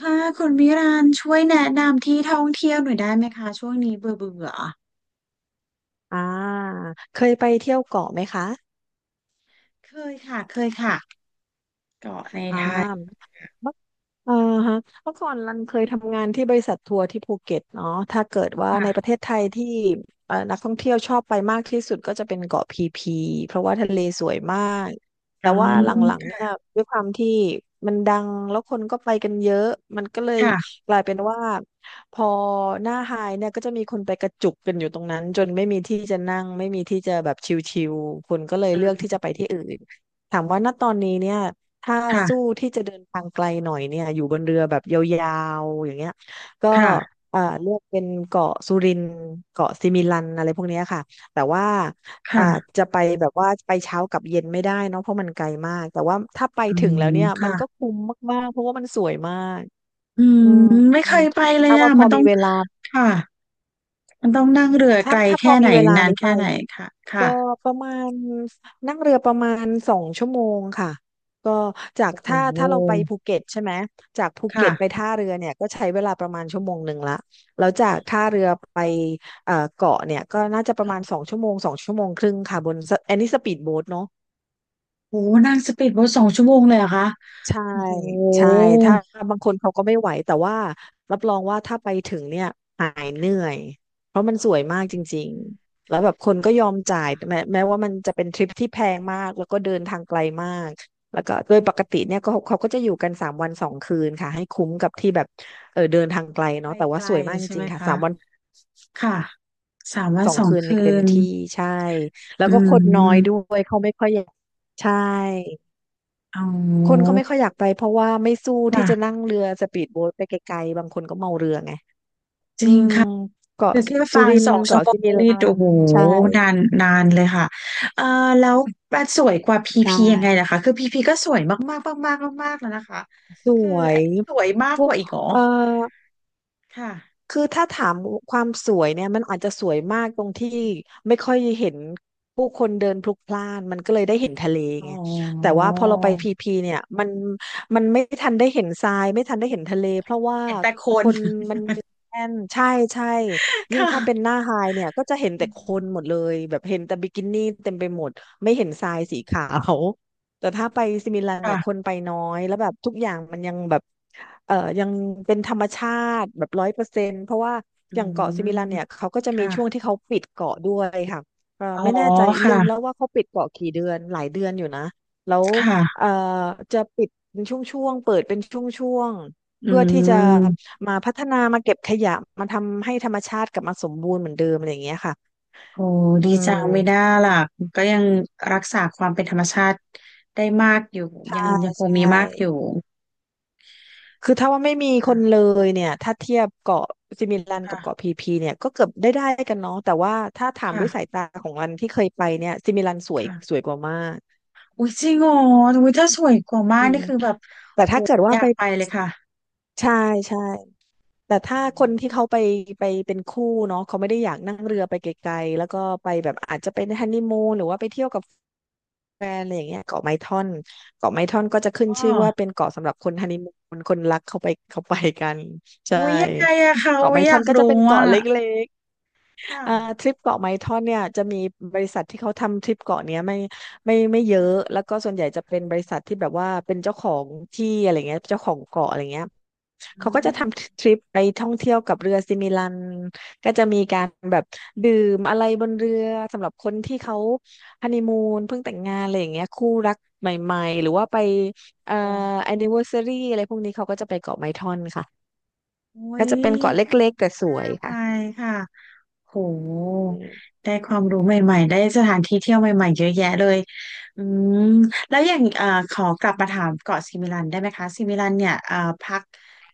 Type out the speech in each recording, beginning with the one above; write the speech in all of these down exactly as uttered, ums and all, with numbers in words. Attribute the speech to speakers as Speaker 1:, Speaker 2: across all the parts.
Speaker 1: ค่ะคุณมิรานช่วยแนะนำที่ท่องเที่ยวหน่อยได้ไหมคะช่วงนี้เบื่อเบื่อ
Speaker 2: อ่าเคยไปเที่ยวเกาะไหมคะ
Speaker 1: เคยค่ะเคยค่ะเกาะใน
Speaker 2: อ่
Speaker 1: ไทย
Speaker 2: าเอ่าฮะเมื่อก่อนรันเคยทำงานที่บริษัททัวร์ที่ภูเก็ตเนาะถ้าเกิดว่าในป
Speaker 1: ค่ะ
Speaker 2: ระเทศไทยที่เอ่อนักท่องเที่ยวชอบไปมากที่สุดก็จะเป็นเกาะพีพีเพราะว่าทะเลสวยมากแต่
Speaker 1: อ๋อ
Speaker 2: ว่าหลังๆเนี่ยด้วยความที่มันดังแล้วคนก็ไปกันเยอะมันก็เลย
Speaker 1: ค่ะ
Speaker 2: กลายเป็นว่าพอหน้าไฮเนี่ยก็จะมีคนไปกระจุกกันอยู่ตรงนั้นจนไม่มีที่จะนั่งไม่มีที่จะแบบชิลๆคนก็เลย
Speaker 1: อื
Speaker 2: เลือกที่
Speaker 1: ม
Speaker 2: จะไปที่อื่นถามว่าณตอนนี้เนี่ย ถ้าสู้
Speaker 1: ค่ะ
Speaker 2: ที่จะเดินทางไกลหน่อยเนี่ยอยู่บนเรือแบบยาวๆอย่างเงี้ยก็
Speaker 1: ค่ะ
Speaker 2: อ่าเลือกเป็นเกาะสุรินทร์เกาะซิมิลันอะไรพวกเนี้ยค่ะแต่ว่าอ่า
Speaker 1: ค่ะ
Speaker 2: จะไปแบบว่าไปเช้ากลับเย็นไม่ได้เนาะเพราะมันไกลมากแต่ว่าถ้าไป
Speaker 1: อื
Speaker 2: ถึงแล้ว
Speaker 1: ม
Speaker 2: เนี่ยมัน
Speaker 1: ค่ะ
Speaker 2: ก็คุ้มมากๆเพราะว่ามันสวยมาก
Speaker 1: อื
Speaker 2: อื
Speaker 1: ม
Speaker 2: ม
Speaker 1: ไม่
Speaker 2: อื
Speaker 1: เค
Speaker 2: ม
Speaker 1: ยไปเลย
Speaker 2: ถ้า
Speaker 1: อ่ะ
Speaker 2: ว่าพ
Speaker 1: มั
Speaker 2: อ
Speaker 1: นต้อ
Speaker 2: มี
Speaker 1: ง
Speaker 2: เวลา
Speaker 1: ค่ะมันต้องนั่งเรือ
Speaker 2: ถ้า
Speaker 1: ไกล
Speaker 2: ถ้าพอ
Speaker 1: แค่ไหน
Speaker 2: มีเวลา
Speaker 1: นาน
Speaker 2: นี้ไป
Speaker 1: แค่ไหนค่ะ
Speaker 2: ก็
Speaker 1: ค่ะ
Speaker 2: ประมาณนั่งเรือประมาณสองชั่วโมงค่ะก็จาก
Speaker 1: โอ้
Speaker 2: ถ้า
Speaker 1: โห
Speaker 2: ถ้าเราไปภูเก็ตใช่ไหมจากภูเก็ตไป
Speaker 1: ค่ะ
Speaker 2: ท่าเรือเนี่ยก็ใช้เวลาประมาณชั่วโมงหนึ่งละแล้วจากท่าเรือไปเอ่อเกาะเนี่ยก็น่าจะประมาณสอง
Speaker 1: ค่ะ
Speaker 2: ชั่วโมงสองชั่วโมงครึ่งค่ะบนสอันนี้สปีดโบ๊ทเนาะ
Speaker 1: โอ้โหนั่งสปีดโบ๊ทสองชั่วโมงเลยเหรอคะ
Speaker 2: ใช่
Speaker 1: โอ้โห
Speaker 2: ใช่ถ้าบางคนเขาก็ไม่ไหวแต่ว่ารับรองว่าถ้าไปถึงเนี่ยหายเหนื่
Speaker 1: ค
Speaker 2: อยเพราะมันสวยมากจริงๆแล้วแบบคนก็ยอมจ่าย
Speaker 1: ่ะ
Speaker 2: แม้แม้ว่ามันจะเป็นทริปที่แพงมากแล้วก็เดินทางไกลมากแล้วก็โดยปกติเนี่ยก็เขาก็จะอยู่กันสามวันสองคืนค่ะให้คุ้มกับที่แบบเออเดินทางไกล
Speaker 1: ไป
Speaker 2: เนาะแต่
Speaker 1: ไก
Speaker 2: ว่า
Speaker 1: ล
Speaker 2: สวยมากจ
Speaker 1: ใช่ไห
Speaker 2: ริ
Speaker 1: ม
Speaker 2: งๆค่ะ
Speaker 1: คะ
Speaker 2: สามวัน
Speaker 1: ค่ะสามวั
Speaker 2: ส
Speaker 1: น
Speaker 2: อง
Speaker 1: สอง
Speaker 2: คืนใน
Speaker 1: คื
Speaker 2: เต็ม
Speaker 1: น
Speaker 2: ที่ใช่แล้
Speaker 1: อื
Speaker 2: วก็คนน้อยด้
Speaker 1: ม
Speaker 2: วยเขาไม่ค่อยอยากใช่
Speaker 1: เอ
Speaker 2: คนเขา
Speaker 1: า
Speaker 2: ไม่ค่อยอยากไปเพราะว่าไม่สู้ที่
Speaker 1: ว่ะ
Speaker 2: จะนั่งเรือสปีดโบ๊ทไปไกลๆบางคนก็เมาเรือไง
Speaker 1: จ
Speaker 2: อื
Speaker 1: ริง
Speaker 2: ม
Speaker 1: ค่ะ
Speaker 2: เกาะ
Speaker 1: คือแค่
Speaker 2: สุ
Speaker 1: ฟัง
Speaker 2: รินท
Speaker 1: สอ
Speaker 2: ร์
Speaker 1: งชั่
Speaker 2: เกาะ
Speaker 1: วโม
Speaker 2: สิ
Speaker 1: ง
Speaker 2: มิ
Speaker 1: นี่
Speaker 2: ลัน
Speaker 1: โอ้โห
Speaker 2: ใช่
Speaker 1: นานนานเลยค่ะเอ่อแล้วมันสวยกว่าพี
Speaker 2: ใช
Speaker 1: พียังไง
Speaker 2: ่
Speaker 1: นะคะคือพีพีก็สวยมากมากมากมากมากๆแล้วนะคะ
Speaker 2: ส
Speaker 1: คือ
Speaker 2: ว
Speaker 1: อั
Speaker 2: ย
Speaker 1: นนี้สวยมาก
Speaker 2: พ
Speaker 1: ก
Speaker 2: วก
Speaker 1: ว่าอีกเหรอ
Speaker 2: เอ่อ
Speaker 1: ค่ะ
Speaker 2: คือถ้าถามความสวยเนี่ยมันอาจจะสวยมากตรงที่ไม่ค่อยเห็นผู้คนเดินพลุกพล่านมันก็เลยได้เห็นทะเล
Speaker 1: อ๋
Speaker 2: ไง
Speaker 1: อ
Speaker 2: แต่ว่าพอเราไปพีพีเนี่ยมันมันไม่ทันได้เห็นทรายไม่ทันได้เห็นทะเลเพราะว่า
Speaker 1: เห็นแต่ค
Speaker 2: ค
Speaker 1: น
Speaker 2: นมันแน่นใช่ใช่ ยิ่งถ้าเป็น
Speaker 1: ค่ะ
Speaker 2: หน้าไฮเนี่ยก็จะเห็นแต่
Speaker 1: อื
Speaker 2: คนหม
Speaker 1: ม
Speaker 2: ดเลยแบบเห็นแต่บิกินี่เต็มไปหมดาแต่ถ้าไปซิมิลันเนี่
Speaker 1: ค่ะ
Speaker 2: ยคนไปน้อยแล้วแบบทุกอย่างมันยังแบบเอ่อยังเป็นธรรมชาติแบบร้อยเปอร์เซ็นต์เพราะว่า
Speaker 1: อื
Speaker 2: อย่างเกาะ
Speaker 1: ม
Speaker 2: ซิมิลันเนี่ยเขาก็จะมีช่วง
Speaker 1: ค่ะ
Speaker 2: ที่เขาปิดเกาะด้วยค่ะเอ่อ
Speaker 1: อ๋อ
Speaker 2: ไม่แน่ใจลืมแล้ว
Speaker 1: ค่ะ
Speaker 2: ว่าเขาปิดเกาะกี่เดือนหลายเดือนอยู่นะแล้ว
Speaker 1: ค่ะ
Speaker 2: เอ่อจะปิดเป็นช่วงๆเปิดเป็นช่วงๆ
Speaker 1: อื
Speaker 2: เพื่อที่จะ
Speaker 1: ม
Speaker 2: มาพัฒนามาเก็บขยะมาทำให้ธรรมชาติกลับมาสมบูรณ์เหมือนเดิมอะไรอย่างเงี้ยค่ะ
Speaker 1: โอ้
Speaker 2: อื
Speaker 1: ดีจังไม่น่า
Speaker 2: ม
Speaker 1: ล่ะก็ยังรักษาความเป็นธรรมชาติได้มากอยู่ยั
Speaker 2: ใช่
Speaker 1: งยังคง
Speaker 2: ใช่
Speaker 1: มีมากอยู่
Speaker 2: คือถ้าว่าไม่มีคน
Speaker 1: ค่ะ
Speaker 2: เลยเนี่ยถ้าเทียบเกาะซิมิลันกับเกาะ
Speaker 1: ค่ะ
Speaker 2: พีพีเนี่ยก็เกือบได้ได้กันเนาะแต่ว่าถ้าถาม
Speaker 1: ค่ะ
Speaker 2: ด้วยสายตาของรันที่เคยไปเนี่ยซิมิลันสวย
Speaker 1: ค่ะ
Speaker 2: สวยกว่ามาก
Speaker 1: อุ้ยจริงเหรออุ้ยถ้าสวยกว่ามา
Speaker 2: อื
Speaker 1: กนี่
Speaker 2: ม
Speaker 1: คือแบบ
Speaker 2: แต่
Speaker 1: โอ้
Speaker 2: ถ้าเกิด
Speaker 1: อ
Speaker 2: ว่า
Speaker 1: ยา
Speaker 2: ไป
Speaker 1: กไปเลยค่ะ
Speaker 2: ใช่ใช่แต่ถ้า
Speaker 1: อื
Speaker 2: คนที่เขา
Speaker 1: ม
Speaker 2: ไปไปเป็นคู่เนาะเขาไม่ได้อยากนั่งเรือ
Speaker 1: ค่ะ
Speaker 2: ไปไกลๆแล้วก็ไปแบบอาจจะเป็นฮันนีมูนหรือว่าไปเที่ยวกับ แฟนอะไรอย่างเงี้ยเกาะไม้ท่อนเกาะไม้ท่อนก็จะขึ้น
Speaker 1: อ๋อ
Speaker 2: ชื่อว่าเป็นเกาะสำหรับคนฮันนีมูนคนรักเข้าไปเขาไปกันใช่
Speaker 1: อุ้ยยังไงอะคะ
Speaker 2: เกาะ
Speaker 1: อุ้ย
Speaker 2: ไม้
Speaker 1: อ
Speaker 2: ท่อ
Speaker 1: ยา
Speaker 2: น
Speaker 1: ก
Speaker 2: ก็จะ
Speaker 1: รู้
Speaker 2: เป็น
Speaker 1: อะ
Speaker 2: เกาะเล็ก
Speaker 1: ค่ะ
Speaker 2: อ่าทริปเกาะไม้ท่อนเนี่ยจะมีบริษัทที่เขาทำทริปเกาะเนี้ยไม่ไม่ไม่เย
Speaker 1: ค่ะ
Speaker 2: อะแล้วก็ส่วนใหญ่จะเป็นบริษัทที่แบบว่าเป็นเจ้าของที่อะไรเงี้ยเจ้าของเกาะอะไรเงี้ย
Speaker 1: อื
Speaker 2: เขาก็จะท
Speaker 1: ม
Speaker 2: ำทริปไปท่องเที่ยวกับเรือซิมิลันก็จะมีการแบบดื่มอะไรบนเรือสำหรับคนที่เขาฮันนีมูนเพิ่งแต่งงานอะไรอย่างเงี้ยคู่รักใหม่ๆหรือว่าไปเอ่อ
Speaker 1: โอ้
Speaker 2: แอนนิเวอร์ซารีอะไรพวกนี้เขาก็จะไปเกาะไม้ท่อนค่ะ
Speaker 1: อุ้
Speaker 2: ก็
Speaker 1: ย
Speaker 2: จะเป็นเกาะเล็กๆแต่ส
Speaker 1: น่า
Speaker 2: วย
Speaker 1: ไป
Speaker 2: ค่ะ
Speaker 1: ค่ะ โห
Speaker 2: อืม
Speaker 1: ได้ความรู้ใหม่ๆได้สถานที่เที่ยวใหม่ๆเยอะแยะเลยอืมแล้วอย่างเอ่อขอกลับมาถามเกาะซิมิลันได้ไหมคะซิมิลันเนี่ยเอ่อพัก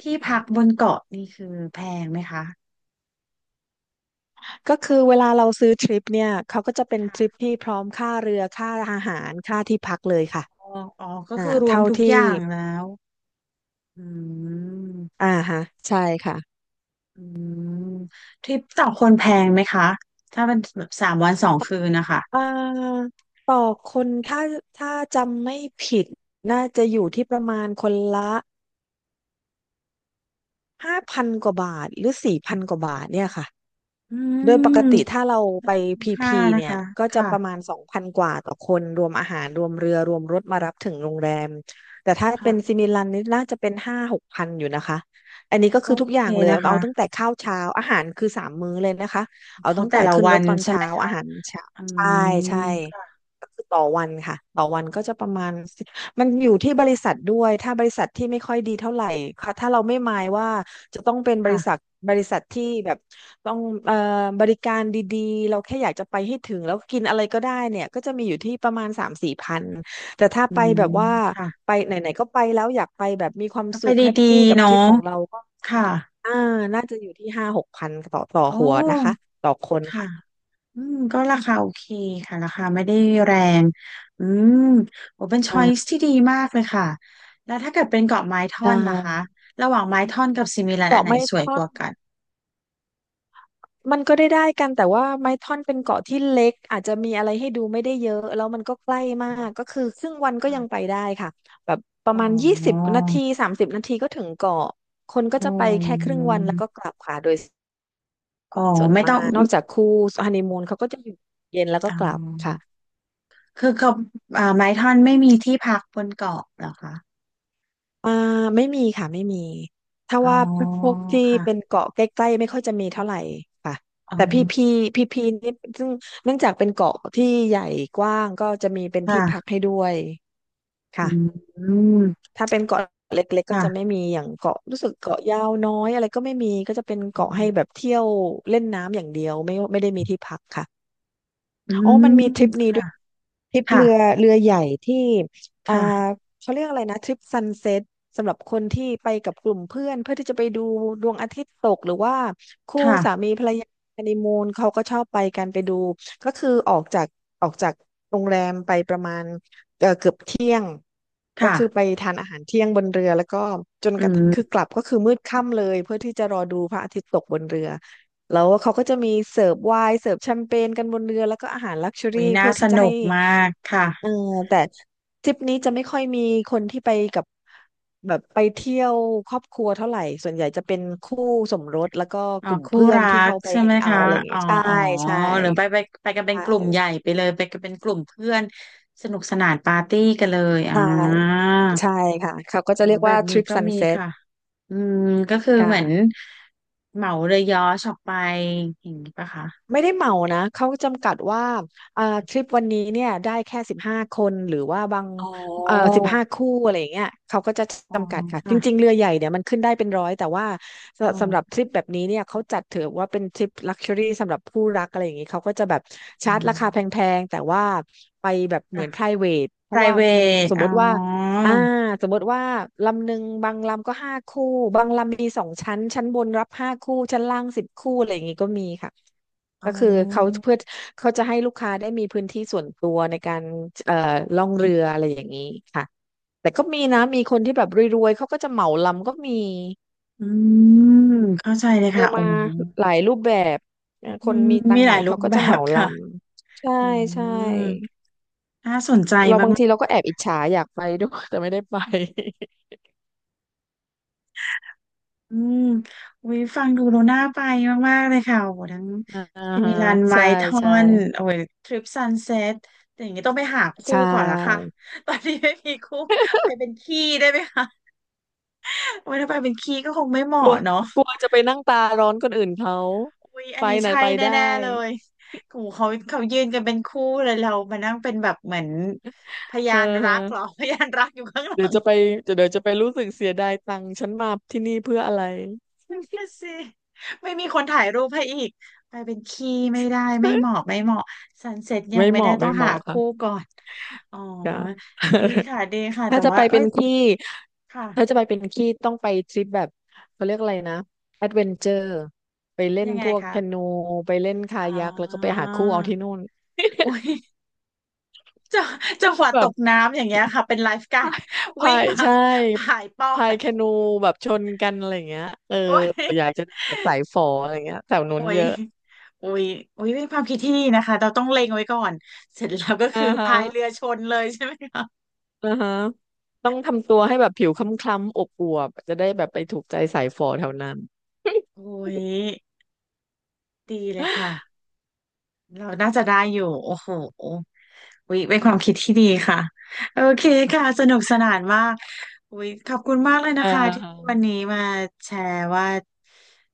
Speaker 1: ที่พักบนเกาะนี่คือแพงไหมคะ
Speaker 2: ก็คือเวลาเราซื้อทริปเนี่ย เขาก็จะเป็นทริป
Speaker 1: ค่ะ
Speaker 2: ที่พร้อมค่าเรือค่าอาหารค่าที่พักเลยค่ะ
Speaker 1: อ๋ออ๋อก็
Speaker 2: อ่า
Speaker 1: คือรวม
Speaker 2: เท่า
Speaker 1: ทุกอ
Speaker 2: ที่
Speaker 1: ย่างแล้วอืม
Speaker 2: อ่าฮะใช่ค่ะ
Speaker 1: อืมทริปต่อคนแพงไหมคะ ถ้าเป็นแบบสามวันสองคืนนะคะ
Speaker 2: อ่าต่อคนถ้าถ้าจำไม่ผิด น่าจะอยู่ที่ประมาณคนละห้าพันกว่าบาทหรือสี่พันกว่าบาทเนี่ยค่ะ
Speaker 1: อื
Speaker 2: โดยปก
Speaker 1: ม
Speaker 2: ติถ้าเราไป
Speaker 1: คุ้ม
Speaker 2: พี
Speaker 1: ค่า
Speaker 2: พี
Speaker 1: นะ
Speaker 2: เนี่ย
Speaker 1: คะ
Speaker 2: ก็จะ
Speaker 1: ค่ะ
Speaker 2: ประมาณสองพันกว่าต่อคนรวมอาหารรวมเรือรวมรถมารับถึงโรงแรมแต่ถ้าเป็น
Speaker 1: ค่ะ
Speaker 2: ซิมิลันนี่น่าจะเป็นห้าหกพันอยู่นะคะอันนี้ก็
Speaker 1: ก็
Speaker 2: คือ
Speaker 1: โอ
Speaker 2: ทุก
Speaker 1: เค
Speaker 2: อย่างเลย
Speaker 1: นะ
Speaker 2: เอา
Speaker 1: คะ
Speaker 2: ตั้งแต่ข้าวเช้าอาหารคือสามมื้อเลยนะคะเอา
Speaker 1: เขา
Speaker 2: ตั้ง
Speaker 1: แต่
Speaker 2: แต่
Speaker 1: ละ
Speaker 2: ขึ้น
Speaker 1: วั
Speaker 2: รถ
Speaker 1: น
Speaker 2: ตอน
Speaker 1: ใช่ไห
Speaker 2: เช้า
Speaker 1: มคะ
Speaker 2: อาหารเช้า
Speaker 1: อื
Speaker 2: ใช่ใช่
Speaker 1: มค่ะ
Speaker 2: ก็คือต่อวันค่ะต่อวันก็จะประมาณ มันอยู่ที่บริษัทด้วยถ้าบริษัทที่ไม่ค่อยดีเท่าไหร่ค่ะถ้าเราไม่หมายว่าจะต้องเป็นบริษัท
Speaker 1: ค่ะ
Speaker 2: บริษัทที่แบบต้องเอ่อบริการดีๆเราแค่อยากจะไปให้ถึงแล้วกินอะไรก็ได้เนี่ยก็จะมีอยู่ที่ประมาณสามสี่พันแต่ถ้า
Speaker 1: อื
Speaker 2: ไปแบ
Speaker 1: ม
Speaker 2: บว่า
Speaker 1: ค่ะ
Speaker 2: ไปไหนๆก็ไปแล้วอยากไปแบบมีความ
Speaker 1: ก็ไป
Speaker 2: สุขแฮป
Speaker 1: ดี
Speaker 2: ปี้กั
Speaker 1: ๆ
Speaker 2: บทริ
Speaker 1: เนาะ
Speaker 2: ปของเราก็
Speaker 1: ค่ะ
Speaker 2: อ่าน่าจะอยู่ที่ห้าหกพันต่อต่อ
Speaker 1: โอ้
Speaker 2: หัวนะคะต่อคน
Speaker 1: ค่ะ
Speaker 2: ค่ะ
Speaker 1: อืมก็ราคาโอเคค่ะราคาไม่ได้แรง อืมโอ้เป็นช้อยส์
Speaker 2: อ่า
Speaker 1: ที่ดีมากเลยค่ะ แล้วถ้าเกิดเป็นเกาะไม้
Speaker 2: ใช
Speaker 1: ท่อนล่ะคะ
Speaker 2: ่
Speaker 1: ระหว่างไม้ท่อนกับซิมิลันอั
Speaker 2: เกาะ
Speaker 1: นไหน
Speaker 2: ไม่
Speaker 1: สวย
Speaker 2: ท่
Speaker 1: ก
Speaker 2: อน
Speaker 1: ว่ากัน
Speaker 2: มันก็ได้ได้กันแต่ว่าไม้ท่อนเป็นเกาะที่เล็กอาจจะมีอะไรให้ดูไม่ได้เยอะแล้วมันก็ใกล้มากก็คือครึ่งวันก็ยังไป
Speaker 1: ค่ะ
Speaker 2: ได้ค่ะแบบประ
Speaker 1: อ๋
Speaker 2: มาณยี่สิบ
Speaker 1: อ
Speaker 2: นาทีสามสิบนาทีก็ถึงเกาะคนก็
Speaker 1: อ๋
Speaker 2: จะ
Speaker 1: อ
Speaker 2: ไปแค่ครึ่งวันแล้วก็กลับค่ะโดย
Speaker 1: อ๋อ
Speaker 2: ส่วน
Speaker 1: ไม่
Speaker 2: มา
Speaker 1: ต้อง
Speaker 2: กนอกจากคู่ฮันนีมูนเขาก็จะอยู่เย็นแล้วก็
Speaker 1: อ๋อ
Speaker 2: กลับค่ะ
Speaker 1: คือเขาอ่าไม้ท่อนไม่มีที่พักบนเกาะเหรอคะ
Speaker 2: อ่าไม่มีค่ะไม่มีถ้า
Speaker 1: อ๋อ
Speaker 2: ว่าพวกที่
Speaker 1: ค่ะ
Speaker 2: เป็นเกาะใกล้ๆไม่ค่อยจะมีเท่าไหร่ค่ะ
Speaker 1: อ๋อ
Speaker 2: แต่พี่พีพี่พีนี่ซึ่งเนื่องจากเป็นเกาะที่ใหญ่กว้างก็จะมีเป็นที่พัก
Speaker 1: ค่ะ
Speaker 2: ให้ด้วย
Speaker 1: อื
Speaker 2: ค่ะ
Speaker 1: ม
Speaker 2: ถ้าเป็นเกาะเล็กๆก็จะ
Speaker 1: ค่ะ
Speaker 2: ไม่มีอย่างเกาะรู้สึกเกาะยาวน้อยอะไรก็ไม่มีก็จะเป็น
Speaker 1: อื
Speaker 2: เกาะให้แบบ
Speaker 1: ม
Speaker 2: เที่ยวเล่นน้ำอย่างเดียวไม่ไม่ได้มีที่พักค่ะ
Speaker 1: อื
Speaker 2: อ๋อมัน
Speaker 1: ม
Speaker 2: มีทริปนี้ด้
Speaker 1: ค่ะ
Speaker 2: วยทริป
Speaker 1: ค่ะ
Speaker 2: เรือเรือใหญ่ที่อ่า
Speaker 1: ค่ะ
Speaker 2: เขาเรียกอะไรนะทริปซันเซ็ตสำหรับคนที่ไปกับกลุ่มเพื่อนเพื่อที่จะไปดูดวงอาทิตย์ตกหรือว่าคู่สา
Speaker 1: ค่ะ
Speaker 2: มีภรรยาฮันนีมูนเขาก็ชอบไปกันไปดูก็คือออกจากออกจากโรงแรมไปประมาณเอ่อเกือบเที่ยงก็คือไป
Speaker 1: ค่ะ
Speaker 2: ทานอาหารเที่ยงบนเรือแล้วก็จน
Speaker 1: อื
Speaker 2: กระทั่งคือ
Speaker 1: ม
Speaker 2: กลับก็คือมืดค่ำเลยเพื่อที่จะรอดูพระอาทิตย์ตกบนเรือ แล้วเขาก็จะมีเสิร์ฟไวน์เสิร์ฟแชมเปญกันบนเรือแล้วก็อาหารลักชัว
Speaker 1: หุ
Speaker 2: รี่
Speaker 1: ยน่า
Speaker 2: เพื่อ
Speaker 1: ส
Speaker 2: ที่จะ
Speaker 1: นุ
Speaker 2: ให้
Speaker 1: กมากค่ะ
Speaker 2: เออแต่ทริปนี้จะไม่ค่อยมีคนที่ไปกับแบบไปเที่ยวครอบครัวเท่าไหร่ส่วนใหญ่จะเป็นคู่สมรสแล้วก็
Speaker 1: อ๋อ
Speaker 2: กลุ่ม
Speaker 1: คู่
Speaker 2: เพื่อน
Speaker 1: รั
Speaker 2: ที่
Speaker 1: ก
Speaker 2: เขาไป
Speaker 1: ใช่
Speaker 2: แฮ
Speaker 1: ไหม
Speaker 2: งเอา
Speaker 1: คะ
Speaker 2: ท์อะไรอย่าง
Speaker 1: อ๋อ
Speaker 2: เงี้ยใช่
Speaker 1: อ๋อ
Speaker 2: ใช่
Speaker 1: หรือไปไปไปกันเป็นกลุ่
Speaker 2: ใช่
Speaker 1: มใหญ่ไปเลยไปกันเป็นกลุ่มเพื่อนสนุกสนานปาร์ตี้กันเลยอ่า
Speaker 2: ใช่ใช่ค่ะเขาก็
Speaker 1: อ๋อ
Speaker 2: จะเรียก
Speaker 1: แบ
Speaker 2: ว่า
Speaker 1: บ
Speaker 2: ท
Speaker 1: นี้
Speaker 2: ริป
Speaker 1: ก็
Speaker 2: ซัน
Speaker 1: มี
Speaker 2: เซ็ต
Speaker 1: ค่ะ อืมก็คือเหมือน
Speaker 2: ค่ะ
Speaker 1: เหมาเรือยอชออกไปอย่างนี้ปะคะ
Speaker 2: ไม่ได้เหมานะ เขาจำกัดว่าอ่าทริปวันนี้เนี่ยได้แค่สิบห้าคนหรือว่าบาง
Speaker 1: อ๋อ
Speaker 2: เอ่อสิบห้าคู่อะไรอย่างเงี้ยเขาก็จะ
Speaker 1: อ๋อ
Speaker 2: จำกัดค่ะจ
Speaker 1: ค่ะ
Speaker 2: ริงๆเรือใหญ่เนี่ยมันขึ้นได้เป็นร้อยแต่ว่าส
Speaker 1: อ๋
Speaker 2: สำหรับ
Speaker 1: อ
Speaker 2: ทริปแบบนี้เนี่ยเขาจัดถือว่าเป็นทริปลักชัวรี่สำหรับผู้รักอะไรอย่างงี้เขาก็จะแบบ
Speaker 1: อื
Speaker 2: ชาร์จรา
Speaker 1: ม
Speaker 2: คาแพงๆแต่ว่าไปแบบเหมื
Speaker 1: ค่ะ
Speaker 2: อน private เพราะว่ามัน
Speaker 1: private
Speaker 2: สม
Speaker 1: อ๋
Speaker 2: มติว่า
Speaker 1: อ
Speaker 2: อ่าสมมติว่าลำหนึ่งบางลำก็ห้าคู่บางลำมีสองชั้นชั้นบนรับห้าคู่ชั้นล่างสิบคู่อะไรอย่างงี้ก็มีค่ะ
Speaker 1: อ๋
Speaker 2: ก็
Speaker 1: อ
Speaker 2: คือเขาเพื่อเขาจะให้ลูกค้าได้มีพื้นที่ส่วนตัวในการเอ่อล่องเรืออะไรอย่างนี้ค่ะแต่ก็มีนะมีคนที่แบบรวยๆเขาก็จะเหมาลำก็มี
Speaker 1: อืมเข้าใจเลย
Speaker 2: เจอ
Speaker 1: ค่ะอ๋อ
Speaker 2: มาหลายรูปแบบเอ่อ
Speaker 1: อื
Speaker 2: คน
Speaker 1: ม
Speaker 2: มีตั
Speaker 1: มี
Speaker 2: งค์
Speaker 1: ห
Speaker 2: หน่
Speaker 1: ลา
Speaker 2: อ
Speaker 1: ย
Speaker 2: ย
Speaker 1: รู
Speaker 2: เขา
Speaker 1: ป
Speaker 2: ก็
Speaker 1: แบ
Speaker 2: จะเห
Speaker 1: บ
Speaker 2: มาล
Speaker 1: ค่ะ
Speaker 2: ำใช่
Speaker 1: อื
Speaker 2: ใช่
Speaker 1: มน่าสนใจ
Speaker 2: เรา
Speaker 1: มาก
Speaker 2: บางทีเราก็แอบอิจฉาอยากไปด้วยแต่ไม่ได้ไป
Speaker 1: ๆอืมวิฟังดูโลน่าไปมากๆเลยค่ะโอ้โหทั้ง
Speaker 2: อ่า
Speaker 1: ซิมิ
Speaker 2: ฮะ
Speaker 1: ลันไม
Speaker 2: ใช่
Speaker 1: ทอ
Speaker 2: ใช่
Speaker 1: นโอ้ยเซตแต่อย่างนี้ต้องไปหาคู่
Speaker 2: ใช่
Speaker 1: ก่อนละค่ะ ตอนนี้ไม่มีคู่ไปเป็นขี้ได้ไหมคะโอ้ยถ้าไปเป็นขี้ก็คงไม่เห
Speaker 2: กลั
Speaker 1: มาะ
Speaker 2: ว
Speaker 1: เนาะ
Speaker 2: กลัวจะไปนั่งตาร้อนคนอื่นเขา
Speaker 1: อุ๊ยอั
Speaker 2: ไป
Speaker 1: นนี้
Speaker 2: น่ะ
Speaker 1: ใช่
Speaker 2: ไปได้
Speaker 1: แน่ๆเลยกูเขาเขายืนกันเป็นคู่เลยเรามานั่งเป็นแบบเหมือนพยา
Speaker 2: เอ
Speaker 1: นรักเหรอ
Speaker 2: อ
Speaker 1: พยานรักอยู่ข้างหลั
Speaker 2: เดี๋ยว
Speaker 1: ง
Speaker 2: จะไปเดี๋ยวจะไปรู้สึกเสียดายตังค์ฉันมาที่นี่เพื่ออะไร
Speaker 1: ไม่ใช่สิไม่มีคนถ่ายรูปให้อีก ไปเป็นขี้ไม่ได้ไม่เหมาะ ไม่เหมาะซันเซ็ตยัง
Speaker 2: ไม่
Speaker 1: ไม่
Speaker 2: เห
Speaker 1: ได้
Speaker 2: มาะ
Speaker 1: ต้อ
Speaker 2: ไม่
Speaker 1: ง
Speaker 2: เห
Speaker 1: หา
Speaker 2: มาะค่ะ
Speaker 1: คู่ก่อน อ๋อ
Speaker 2: อย่
Speaker 1: ดีค่ะดีค่ะ
Speaker 2: ถ้า
Speaker 1: แต่
Speaker 2: จะ
Speaker 1: ว่า
Speaker 2: ไป
Speaker 1: เอ้
Speaker 2: เป็
Speaker 1: ย
Speaker 2: นขี้ถ้า
Speaker 1: ค่ะ
Speaker 2: จะไปเป็นขี้ต้องไปทริปแบบเขาเรียกอะไรนะแอดเวนเจอร์ไปเล่น
Speaker 1: ยังไง
Speaker 2: พวก
Speaker 1: คะ
Speaker 2: แคนูไปเล่นคา
Speaker 1: อ๋
Speaker 2: ยักแล้วก็ไป
Speaker 1: อ
Speaker 2: หาคู่เอาที่นู่น
Speaker 1: อุ้ย จังจังหวะต
Speaker 2: แบบ
Speaker 1: กน้ำอย่างเงี้ยค่ะเป็นไลฟ์การ์
Speaker 2: พา
Speaker 1: ด
Speaker 2: ย
Speaker 1: วิ่
Speaker 2: พา
Speaker 1: ง
Speaker 2: ย
Speaker 1: มา
Speaker 2: ใช่
Speaker 1: ผายปอ
Speaker 2: พาย
Speaker 1: ด
Speaker 2: แคนูแบบชนกันอะไรอย่างเงี้ยเออ
Speaker 1: โอ้ย
Speaker 2: อยากจะแสายฝออะไรเงี้ยแถวนู้
Speaker 1: โอ้
Speaker 2: น
Speaker 1: ย
Speaker 2: เยอะ
Speaker 1: โอ้ยโอ้ยเป็นความคิดที่ดีนะคะเราต้องเล็งไว้ก่อนเสร็จแล้วก็
Speaker 2: อ่า
Speaker 1: คือ
Speaker 2: ฮะ
Speaker 1: พายเรือชนเลยใช่ไหมคะ
Speaker 2: อ่าฮะต้องทำตัวให้แบบผิวคล้ำๆอบอวบจะได้แบบไปถูกใจสายฝอแถวนั้น
Speaker 1: โอ้ย ดีเลยค่ะเราน่าจะได้อยู่โอ้โหโอ้ยเป็นความคิดที่ดีค่ะโอเคค่ะสนุกสนานมากโอ้ยขอบคุณมากเลย
Speaker 2: เ
Speaker 1: นะคะที่
Speaker 2: ออ
Speaker 1: วันนี้มาแชร์ว่า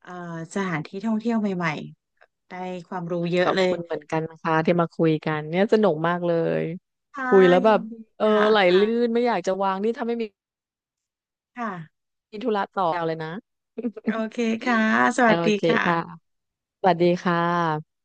Speaker 1: เอ่อสถานที่ท่องเที่ยวใหม่ๆได้ความรู้เย
Speaker 2: ข
Speaker 1: อะ
Speaker 2: อบ
Speaker 1: เลย
Speaker 2: คุณเหมือนกันนะคะที่มาคุยกันเนี่ยสนุกมากเลย
Speaker 1: ค่ะ
Speaker 2: คุยแล้วแบ
Speaker 1: ยิน
Speaker 2: บ
Speaker 1: ดี
Speaker 2: เอ
Speaker 1: ค
Speaker 2: อไหล
Speaker 1: ่ะ
Speaker 2: ลื่นไม่อยากจะวางนี่ถ้าไม่มี
Speaker 1: ค่ะ
Speaker 2: ธุระต่อเอาเลยนะ
Speaker 1: โอ เคค่ะส
Speaker 2: โอ
Speaker 1: วัสดี
Speaker 2: เค
Speaker 1: ค
Speaker 2: ค่ะ
Speaker 1: ่ะ
Speaker 2: สวัสดีค่ะ